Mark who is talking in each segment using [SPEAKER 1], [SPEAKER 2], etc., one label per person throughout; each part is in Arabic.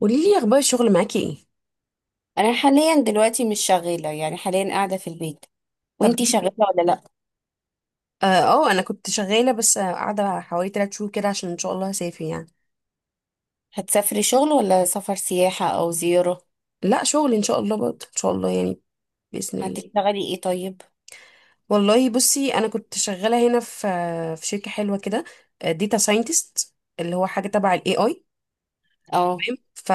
[SPEAKER 1] قولي لي اخبار الشغل معاكي ايه.
[SPEAKER 2] انا حاليا دلوقتي مش شغاله، يعني حاليا قاعده في البيت.
[SPEAKER 1] طب
[SPEAKER 2] وانتي
[SPEAKER 1] ليه
[SPEAKER 2] شغاله
[SPEAKER 1] كده؟
[SPEAKER 2] ولا لا؟
[SPEAKER 1] اه، انا كنت شغاله. بس قاعده حوالي 3 شهور كده عشان ان شاء الله هسافر يعني.
[SPEAKER 2] هتسافري شغل ولا سفر سياحه او زياره؟
[SPEAKER 1] لا شغل ان شاء الله، برضه ان شاء الله يعني. باذن الله.
[SPEAKER 2] هتشتغلي ايه طيب؟
[SPEAKER 1] والله بصي، انا كنت شغاله هنا في شركه حلوه كده. داتا ساينتست، اللي هو حاجه تبع الاي اي.
[SPEAKER 2] اه
[SPEAKER 1] تمام.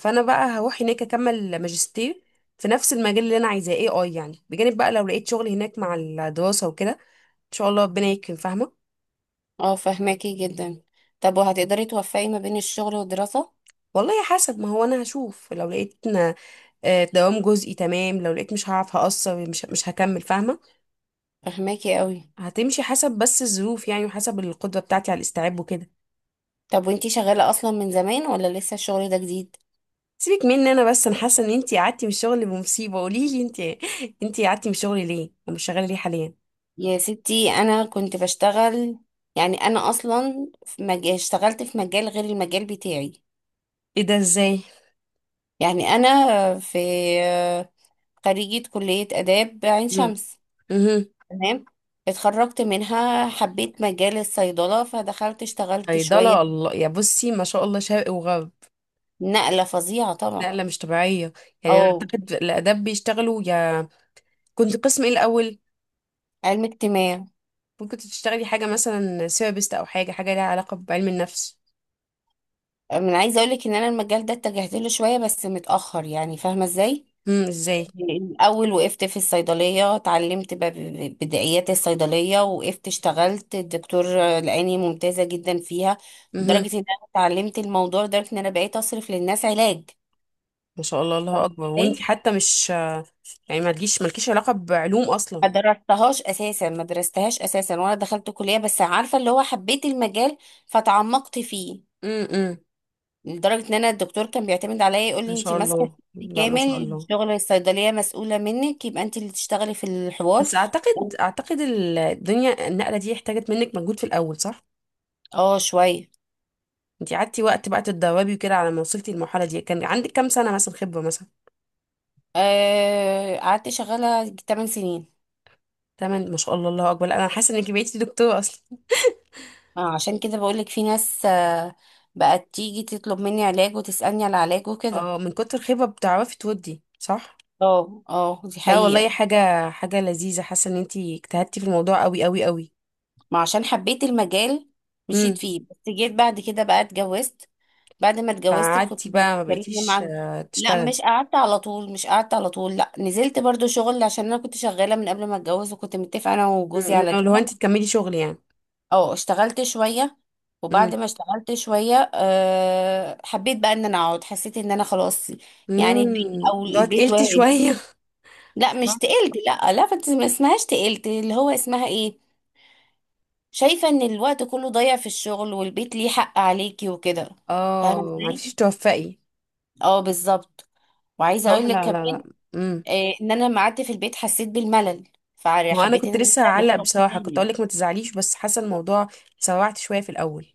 [SPEAKER 1] فانا بقى هروح هناك اكمل ماجستير في نفس المجال اللي انا عايزاه، اي اي يعني. بجانب بقى لو لقيت شغل هناك مع الدراسه وكده، ان شاء الله ربنا يكرم. فاهمه؟
[SPEAKER 2] اه، فهماكي جدا. طب وهتقدري توفقي ما بين الشغل والدراسه؟
[SPEAKER 1] والله حسب. ما هو انا هشوف، لو لقيت دوام جزئي، تمام. لو لقيت مش هعرف هقصر، مش هكمل. فاهمه؟
[SPEAKER 2] فهماكي قوي.
[SPEAKER 1] هتمشي حسب بس الظروف يعني، وحسب القدره بتاعتي على الاستيعاب وكده.
[SPEAKER 2] طب وانتي شغاله اصلا من زمان ولا لسه الشغل ده جديد؟
[SPEAKER 1] سيبك مني انا، بس انا حاسه ان انتي قعدتي من الشغل بمصيبه. قولي لي انتي، قعدتي من الشغل ليه ومش شغاله ليه حاليا؟
[SPEAKER 2] يا ستي انا كنت بشتغل. يعني انا اصلا اشتغلت في مجال غير المجال بتاعي.
[SPEAKER 1] ايه ده؟ ازاي؟
[SPEAKER 2] يعني انا في خريجه كليه اداب عين
[SPEAKER 1] امم،
[SPEAKER 2] شمس.
[SPEAKER 1] امم،
[SPEAKER 2] تمام، اتخرجت منها، حبيت مجال الصيدلة فدخلت اشتغلت شوية.
[SPEAKER 1] صيدله؟ الله يا بصي، ما شاء الله، شرق وغرب.
[SPEAKER 2] نقلة فظيعة طبعا.
[SPEAKER 1] نقله مش طبيعيه. يعني انا
[SPEAKER 2] اه،
[SPEAKER 1] اعتقد الاداب بيشتغلوا يا... كنت قسم ايه الاول؟
[SPEAKER 2] علم اجتماع.
[SPEAKER 1] ممكن تشتغلي حاجة مثلا سيرابيست، أو حاجة، ليها علاقة بعلم النفس.
[SPEAKER 2] من عايزة اقولك ان انا المجال ده اتجهت له شوية بس متأخر، يعني فاهمة ازاي.
[SPEAKER 1] امم، ازاي؟
[SPEAKER 2] الاول وقفت في الصيدلية اتعلمت بدائيات الصيدلية، وقفت اشتغلت الدكتور لقاني ممتازة جدا فيها.
[SPEAKER 1] امم،
[SPEAKER 2] لدرجة ان انا اتعلمت الموضوع، لدرجة ان انا بقيت اصرف للناس علاج.
[SPEAKER 1] ما شاء الله، الله
[SPEAKER 2] فاهمة
[SPEAKER 1] أكبر.
[SPEAKER 2] ازاي؟
[SPEAKER 1] وانتي حتى مش... يعني ما تجيش مالكيش علاقة بعلوم أصلا.
[SPEAKER 2] ما درستهاش اساسا، ما درستهاش اساسا، وانا دخلت كليه بس عارفه اللي هو حبيت المجال فتعمقت فيه.
[SPEAKER 1] امم،
[SPEAKER 2] لدرجه ان انا الدكتور كان بيعتمد عليا، يقول
[SPEAKER 1] ما
[SPEAKER 2] لي انت
[SPEAKER 1] شاء
[SPEAKER 2] ماسكه
[SPEAKER 1] الله،
[SPEAKER 2] الشيفت
[SPEAKER 1] لا ما شاء
[SPEAKER 2] كامل،
[SPEAKER 1] الله.
[SPEAKER 2] شغل الصيدليه مسؤوله منك، يبقى انت اللي تشتغلي في الحوار.
[SPEAKER 1] بس أعتقد، الدنيا النقلة دي احتاجت منك مجهود في الأول، صح؟
[SPEAKER 2] اه شويه.
[SPEAKER 1] انتي قعدتي وقت بقى تتدربي وكده، على ما وصلتي للمرحلة دي كان عندك كام سنة مثلا خبرة مثلا؟
[SPEAKER 2] قعدت شغاله 8 سنين.
[SPEAKER 1] تمام، ما شاء الله الله أكبر. لا، أنا حاسة إنك بقيتي دكتورة أصلا.
[SPEAKER 2] عشان كده بقولك في ناس، بقت تيجي تطلب مني علاج وتسالني على علاج وكده.
[SPEAKER 1] اه، من كتر الخبرة بتعرفي تودي، صح؟
[SPEAKER 2] اه اه، دي
[SPEAKER 1] لا والله،
[SPEAKER 2] حقيقه.
[SPEAKER 1] حاجة، لذيذة. حاسة ان انتي اجتهدتي في الموضوع قوي قوي قوي.
[SPEAKER 2] ما عشان حبيت المجال
[SPEAKER 1] امم،
[SPEAKER 2] مشيت فيه، بس جيت بعد كده بقى اتجوزت. بعد ما اتجوزت كنت
[SPEAKER 1] فقعدتي بقى ما
[SPEAKER 2] بتكلمي
[SPEAKER 1] بقيتيش
[SPEAKER 2] مع. لا
[SPEAKER 1] تشتغل.
[SPEAKER 2] مش قعدت على طول، مش قعدت على طول، لا نزلت برضو شغل عشان انا كنت شغالة من قبل ما اتجوز، وكنت متفقة انا وجوزي على
[SPEAKER 1] امم، لو
[SPEAKER 2] كده.
[SPEAKER 1] انتي تكملي شغل يعني.
[SPEAKER 2] اه اشتغلت شوية.
[SPEAKER 1] امم،
[SPEAKER 2] وبعد ما اشتغلت شوية أه حبيت بقى ان انا اقعد، حسيت ان انا خلاص. يعني البيت
[SPEAKER 1] امم،
[SPEAKER 2] او
[SPEAKER 1] لو
[SPEAKER 2] البيت
[SPEAKER 1] تقلتي
[SPEAKER 2] واحد.
[SPEAKER 1] شوية.
[SPEAKER 2] لا مش
[SPEAKER 1] صح.
[SPEAKER 2] تقلت، لا لا، ما اسمهاش تقلت، اللي هو اسمها ايه؟ شايفة ان الوقت كله ضايع في الشغل، والبيت ليه حق عليكي وكده. فاهمة
[SPEAKER 1] اه، ما
[SPEAKER 2] ازاي؟
[SPEAKER 1] عرفتيش توفقي.
[SPEAKER 2] اه بالظبط. وعايزة
[SPEAKER 1] صح.
[SPEAKER 2] اقول لك
[SPEAKER 1] لا لا
[SPEAKER 2] كمان،
[SPEAKER 1] لا. امم.
[SPEAKER 2] ان انا لما قعدت في البيت حسيت بالملل،
[SPEAKER 1] وانا
[SPEAKER 2] فحبيت ان
[SPEAKER 1] كنت
[SPEAKER 2] انا ارجع
[SPEAKER 1] لسه هعلق
[SPEAKER 2] للشغل
[SPEAKER 1] بصراحة، كنت
[SPEAKER 2] تاني.
[SPEAKER 1] اقولك ما تزعليش، بس حاسة الموضوع سوعت شوية في الاول.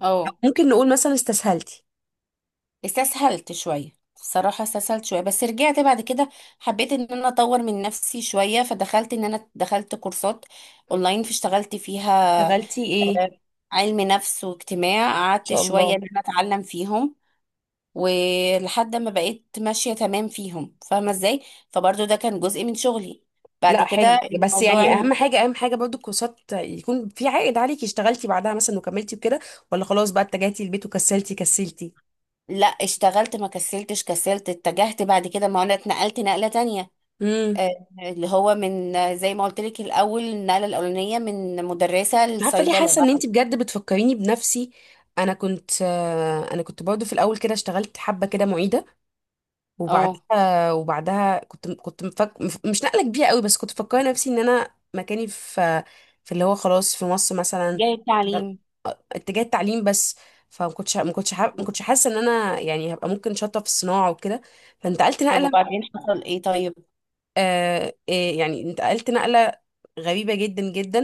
[SPEAKER 2] اه
[SPEAKER 1] ممكن نقول مثلا استسهلتي؟
[SPEAKER 2] استسهلت شوية الصراحة، استسهلت شوية بس رجعت بعد كده. حبيت ان انا اطور من نفسي شوية، فدخلت ان انا دخلت كورسات اونلاين فاشتغلت فيها.
[SPEAKER 1] شغلتي ايه ان
[SPEAKER 2] آه، علم نفس واجتماع، قعدت
[SPEAKER 1] شاء
[SPEAKER 2] شوية
[SPEAKER 1] الله؟
[SPEAKER 2] ان انا اتعلم فيهم ولحد ما بقيت ماشية تمام فيهم. فاهمة ازاي؟ فبرضو ده كان جزء من شغلي. بعد
[SPEAKER 1] لا
[SPEAKER 2] كده
[SPEAKER 1] حلو. بس يعني اهم حاجه، برضو الكورسات يكون في عائد عليكي. اشتغلتي بعدها مثلا وكملتي وكده، ولا خلاص بقى اتجهتي البيت وكسلتي كسلتي؟
[SPEAKER 2] لا اشتغلت، ما كسلتش كسلت، اتجهت بعد كده، ما انا اتنقلت نقلة تانية.
[SPEAKER 1] امم.
[SPEAKER 2] آه، اللي هو من، زي ما قلت لك الاول، النقلة الاولانية من مدرسة
[SPEAKER 1] عارفه ليه
[SPEAKER 2] لصيدلة،
[SPEAKER 1] حاسه ان
[SPEAKER 2] بعد
[SPEAKER 1] انت
[SPEAKER 2] كده
[SPEAKER 1] بجد بتفكريني بنفسي؟ انا كنت، برضو في الاول كده اشتغلت حبه كده معيده.
[SPEAKER 2] اه
[SPEAKER 1] وبعدها كنت مش نقله كبيره قوي. بس كنت مفكره نفسي ان انا مكاني في اللي هو خلاص في مصر مثلا،
[SPEAKER 2] جاية تعليم.
[SPEAKER 1] اتجاه التعليم بس. فما كنتش ما كنتش حاسه ان انا يعني هبقى ممكن شاطره في الصناعه وكده. فانتقلت
[SPEAKER 2] طب
[SPEAKER 1] نقله.
[SPEAKER 2] وبعدين حصل ايه طيب؟
[SPEAKER 1] يعني انتقلت نقله غريبه جدا جدا.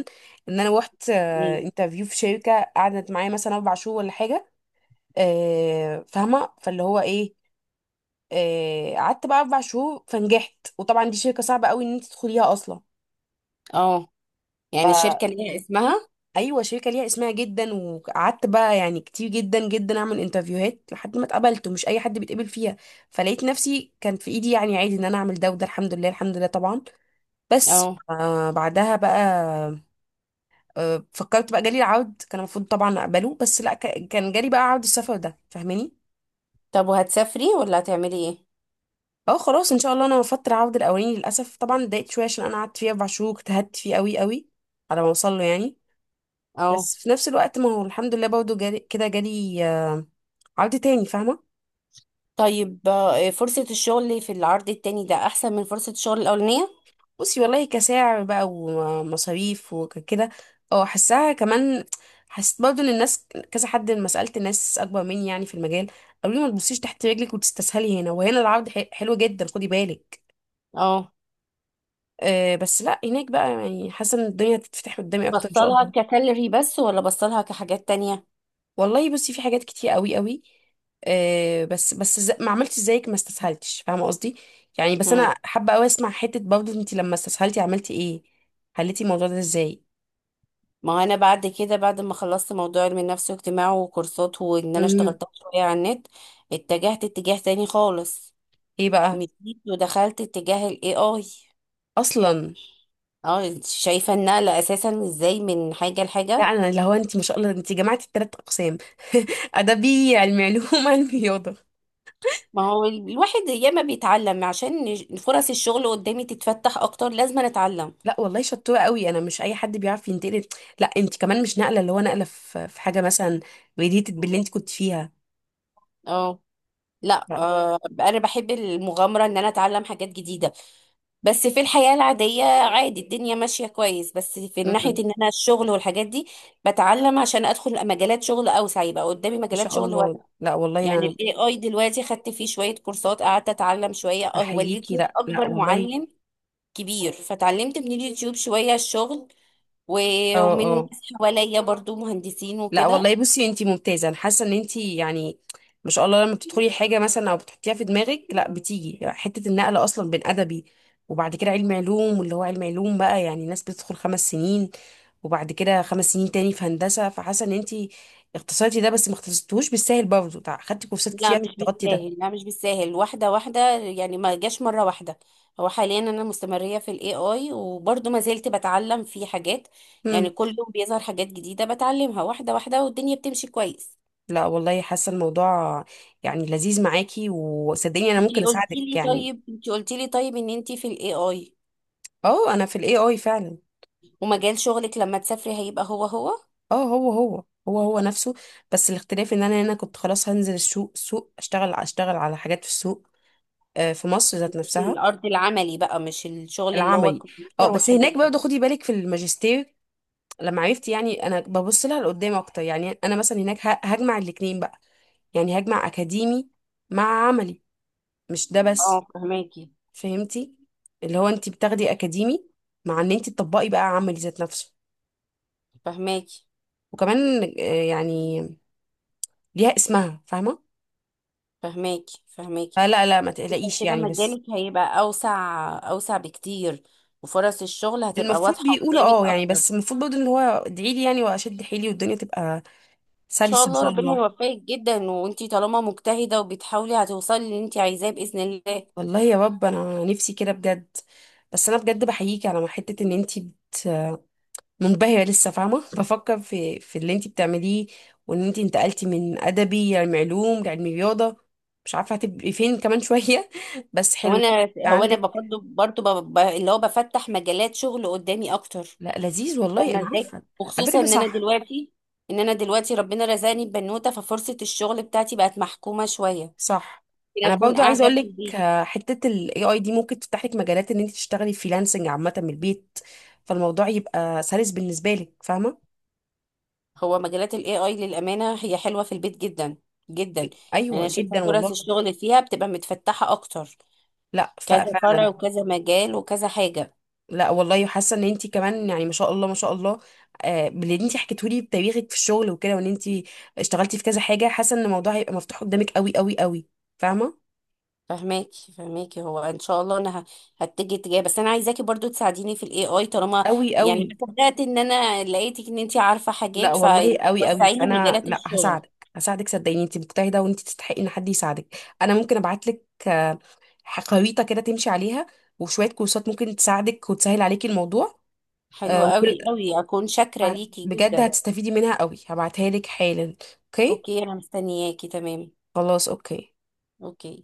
[SPEAKER 1] ان انا روحت
[SPEAKER 2] مم.
[SPEAKER 1] انترفيو في شركه، قعدت معايا مثلا 4 شهور ولا حاجه. فاهمه؟ فاللي هو ايه، قعدت بقى 4 شهور. فنجحت، وطبعا دي شركه صعبه قوي ان انت تدخليها اصلا.
[SPEAKER 2] اه،
[SPEAKER 1] ف
[SPEAKER 2] يعني الشركة ليها اسمها.
[SPEAKER 1] ايوه، شركه ليها اسمها جدا. وقعدت بقى يعني كتير جدا جدا اعمل انترفيوهات لحد ما اتقبلت، ومش اي حد بيتقبل فيها. فلقيت نفسي كان في ايدي يعني عادي ان انا اعمل ده وده. الحمد لله، طبعا. بس
[SPEAKER 2] اه
[SPEAKER 1] بعدها بقى، فكرت بقى. جالي العرض، كان المفروض طبعا اقبله، بس لا. كان جالي بقى عرض السفر ده. فاهماني؟
[SPEAKER 2] طب وهتسافري ولا هتعملي ايه؟
[SPEAKER 1] اه، خلاص ان شاء الله. انا رفضت العرض الاولاني للاسف. طبعا اتضايقت شويه عشان انا قعدت فيه 4 شهور، اجتهدت فيه قوي قوي على ما اوصل له يعني.
[SPEAKER 2] اه
[SPEAKER 1] بس في نفس الوقت، ما هو الحمد لله برضه جالي كده، جالي عرض تاني. فاهمة؟
[SPEAKER 2] طيب، فرصة الشغل في العرض التاني ده أحسن من فرصة الشغل الأولانية؟
[SPEAKER 1] بصي والله، كسعر بقى ومصاريف وكده اه، حسها كمان. حسيت برضو ان الناس كذا حد لما سألت ناس اكبر مني يعني في المجال، قالوا لي ما تبصيش تحت رجلك وتستسهلي، هنا وهنا العرض حلو جدا، خدي بالك.
[SPEAKER 2] اه
[SPEAKER 1] أه بس لا هناك بقى يعني حاسة ان الدنيا هتتفتح قدامي اكتر ان شاء
[SPEAKER 2] بصلها
[SPEAKER 1] الله.
[SPEAKER 2] كسالري بس ولا بصلها كحاجات تانية؟
[SPEAKER 1] والله بصي، في حاجات كتير قوي قوي. أه بس ما عملتش زيك، ما استسهلتش. فاهمة قصدي؟ يعني بس
[SPEAKER 2] مم.
[SPEAKER 1] انا حابة قوي اسمع حتة برضو انت لما استسهلتي عملتي ايه، حليتي الموضوع ده ازاي.
[SPEAKER 2] ما هو أنا بعد كده، بعد ما خلصت موضوع علم النفس واجتماع وكورسات، وإن أنا
[SPEAKER 1] مهم.
[SPEAKER 2] اشتغلتها شوية على النت، اتجهت اتجاه تاني خالص.
[SPEAKER 1] ايه بقى
[SPEAKER 2] مشيت ودخلت اتجاه ال AI.
[SPEAKER 1] اصلا؟
[SPEAKER 2] اه انت شايفة النقلة أساسا ازاي من حاجة
[SPEAKER 1] لا،
[SPEAKER 2] لحاجة؟
[SPEAKER 1] انا اللي هو انت ما شاء الله، انت جمعتي التلات اقسام ادبي، علمي علوم، علمي رياضه.
[SPEAKER 2] ما هو الواحد ياما بيتعلم، عشان فرص الشغل قدامي تتفتح أكتر لازم أنا أتعلم.
[SPEAKER 1] لا والله شطوره قوي، انا مش اي حد بيعرف ينتقل. لا انت كمان مش نقله، اللي هو نقله في حاجه مثلا ريليتد باللي انت كنت فيها.
[SPEAKER 2] اه لا
[SPEAKER 1] لا.
[SPEAKER 2] آه، انا بحب المغامره ان انا اتعلم حاجات جديده. بس في الحياه العاديه عادي الدنيا ماشيه كويس، بس في
[SPEAKER 1] مم. ما
[SPEAKER 2] ناحيه ان انا الشغل والحاجات دي بتعلم عشان ادخل مجالات شغل اوسع، يبقى قدامي مجالات
[SPEAKER 1] شاء
[SPEAKER 2] شغل
[SPEAKER 1] الله.
[SPEAKER 2] واسعه.
[SPEAKER 1] لا والله
[SPEAKER 2] يعني
[SPEAKER 1] انا
[SPEAKER 2] الاي اي دلوقتي خدت فيه شويه كورسات، قعدت اتعلم شويه، اه هو
[SPEAKER 1] بحييكي.
[SPEAKER 2] اليوتيوب
[SPEAKER 1] لا لا
[SPEAKER 2] اكبر
[SPEAKER 1] والله.
[SPEAKER 2] معلم كبير، فتعلمت من اليوتيوب شويه الشغل،
[SPEAKER 1] اه.
[SPEAKER 2] ومن
[SPEAKER 1] اه.
[SPEAKER 2] ناس حواليا برضو مهندسين
[SPEAKER 1] لا
[SPEAKER 2] وكده.
[SPEAKER 1] والله بصي، انتي ممتازه. انا حاسه ان انتي يعني ما شاء الله، لما بتدخلي حاجه مثلا او بتحطيها في دماغك، لا بتيجي حته. النقل اصلا بين ادبي وبعد كده علم علوم، واللي هو علم علوم بقى يعني ناس بتدخل 5 سنين وبعد كده 5 سنين تاني في هندسه. فحاسه ان انتي اختصرتي ده، بس ما اختصرتوش بالسهل برضه. خدتي كورسات
[SPEAKER 2] لا
[SPEAKER 1] كتير عشان
[SPEAKER 2] مش
[SPEAKER 1] تغطي ده.
[SPEAKER 2] بالساهل، لا مش بالساهل، واحدة واحدة، يعني ما جاش مرة واحدة. هو حاليا أنا مستمرية في ال AI وبرضه ما زلت بتعلم فيه حاجات.
[SPEAKER 1] مم.
[SPEAKER 2] يعني كل يوم بيظهر حاجات جديدة بتعلمها واحدة واحدة، والدنيا بتمشي كويس.
[SPEAKER 1] لا والله حاسه الموضوع يعني لذيذ معاكي، وصدقيني انا ممكن
[SPEAKER 2] انتي قلتي
[SPEAKER 1] اساعدك
[SPEAKER 2] لي
[SPEAKER 1] يعني.
[SPEAKER 2] طيب، انتي قلتي لي طيب ان انتي في ال AI،
[SPEAKER 1] اه، انا في الاي اي فعلا.
[SPEAKER 2] ومجال شغلك لما تسافري هيبقى هو هو.
[SPEAKER 1] اه، هو هو، هو هو نفسه. بس الاختلاف ان انا هنا كنت خلاص هنزل السوق، سوق اشتغل، على حاجات في السوق، في مصر ذات نفسها.
[SPEAKER 2] الأرض العملي بقى، مش الشغل اللي هو
[SPEAKER 1] العملي. اه،
[SPEAKER 2] الكمبيوتر
[SPEAKER 1] بس
[SPEAKER 2] والحاجات
[SPEAKER 1] هناك
[SPEAKER 2] دي.
[SPEAKER 1] برضه خدي بالك في الماجستير، لما عرفت يعني انا ببص لها لقدام اكتر. يعني انا مثلا هناك هجمع الاتنين بقى. يعني هجمع اكاديمي مع عملي، مش ده بس.
[SPEAKER 2] اه فهماكي،
[SPEAKER 1] فهمتي؟ اللي هو انت بتاخدي اكاديمي مع ان انت تطبقي بقى عملي ذات نفسه.
[SPEAKER 2] فهماكي،
[SPEAKER 1] وكمان يعني ليها اسمها، فاهمه؟
[SPEAKER 2] فهماكي، فهماكي.
[SPEAKER 1] فلا لا، ما
[SPEAKER 2] يبقى
[SPEAKER 1] تقلقيش
[SPEAKER 2] كده
[SPEAKER 1] يعني. بس
[SPEAKER 2] مجالك هيبقى أوسع، أوسع بكتير، وفرص الشغل هتبقى
[SPEAKER 1] المفروض
[SPEAKER 2] واضحة
[SPEAKER 1] بيقولوا
[SPEAKER 2] قدامك
[SPEAKER 1] اه يعني.
[SPEAKER 2] أكتر. إن
[SPEAKER 1] بس المفروض برضه اللي هو ادعي لي يعني، واشد حيلي، والدنيا تبقى
[SPEAKER 2] شاء
[SPEAKER 1] سلسه ان
[SPEAKER 2] الله
[SPEAKER 1] شاء
[SPEAKER 2] ربنا
[SPEAKER 1] الله.
[SPEAKER 2] يوفقك جدا، وانتي طالما مجتهدة وبتحاولي هتوصلي اللي انتي عايزاه بإذن الله.
[SPEAKER 1] والله يا رب، انا نفسي كده بجد. بس انا بجد بحييكي على حته ان انتي منبهره لسه، فاهمه؟ بفكر في اللي انتي بتعمليه، وان انتي انتقلتي من ادبي لعلم علوم لعلم رياضه. مش عارفه هتبقي فين كمان شويه بس حلو
[SPEAKER 2] هو
[SPEAKER 1] ان انتي
[SPEAKER 2] أنا،
[SPEAKER 1] يبقى
[SPEAKER 2] هو أنا
[SPEAKER 1] عندك.
[SPEAKER 2] برضه برضه اللي هو بفتح مجالات شغل قدامي أكتر.
[SPEAKER 1] لا لذيذ والله،
[SPEAKER 2] فاهمة
[SPEAKER 1] انا
[SPEAKER 2] ازاي؟
[SPEAKER 1] عارفه. على فكره
[SPEAKER 2] وخصوصا
[SPEAKER 1] ده
[SPEAKER 2] إن أنا
[SPEAKER 1] صح.
[SPEAKER 2] دلوقتي، إن أنا دلوقتي ربنا رزقني ببنوتة، ففرصة الشغل بتاعتي بقت محكومة شوية. ممكن
[SPEAKER 1] صح. انا
[SPEAKER 2] أكون
[SPEAKER 1] برضو عايزه
[SPEAKER 2] قاعدة
[SPEAKER 1] اقول
[SPEAKER 2] في
[SPEAKER 1] لك،
[SPEAKER 2] البيت.
[SPEAKER 1] حته الاي اي دي ممكن تفتح لك مجالات ان انت تشتغلي فريلانسنج عامه من البيت. فالموضوع يبقى سلس بالنسبه لك، فاهمه؟
[SPEAKER 2] هو مجالات الاي اي للامانه هي حلوه في البيت جدا جدا، يعني
[SPEAKER 1] ايوه
[SPEAKER 2] انا شايفه
[SPEAKER 1] جدا والله.
[SPEAKER 2] فرص الشغل فيها بتبقى متفتحه اكتر.
[SPEAKER 1] لا
[SPEAKER 2] كذا فرع
[SPEAKER 1] فعلا.
[SPEAKER 2] وكذا مجال وكذا حاجه.
[SPEAKER 1] لا والله حاسه ان انت كمان يعني ما شاء الله، ما شاء الله، باللي انت حكيته لي بتاريخك في الشغل وكده، وان انت اشتغلتي في كذا حاجه، حاسه ان الموضوع هيبقى مفتوح قدامك قوي قوي قوي، فاهمه؟
[SPEAKER 2] فهماكي فهماكي، هو ان شاء الله هتجي اتجاه، بس انا عايزاكي برضو تساعديني في الاي اي طالما،
[SPEAKER 1] قوي
[SPEAKER 2] يعني
[SPEAKER 1] قوي.
[SPEAKER 2] ما صدقت ان انا لقيتك ان انت عارفه
[SPEAKER 1] لا
[SPEAKER 2] حاجات، فوسعي
[SPEAKER 1] والله قوي قوي.
[SPEAKER 2] لي
[SPEAKER 1] فانا
[SPEAKER 2] مجالات
[SPEAKER 1] لا
[SPEAKER 2] الشغل.
[SPEAKER 1] هساعدك، صدقيني. انت مجتهده، وانت تستحقي ان حد يساعدك. انا ممكن ابعت لك خريطه كده تمشي عليها، وشويه كورسات ممكن تساعدك وتسهل عليكي الموضوع.
[SPEAKER 2] حلو
[SPEAKER 1] آه، وكل-
[SPEAKER 2] قوي قوي، اكون شاكره
[SPEAKER 1] آه،
[SPEAKER 2] ليكي
[SPEAKER 1] بجد
[SPEAKER 2] جدا.
[SPEAKER 1] هتستفيدي منها قوي. هبعتها لك حالا. اوكي.
[SPEAKER 2] اوكي انا مستنياكي. تمام،
[SPEAKER 1] خلاص اوكي.
[SPEAKER 2] اوكي.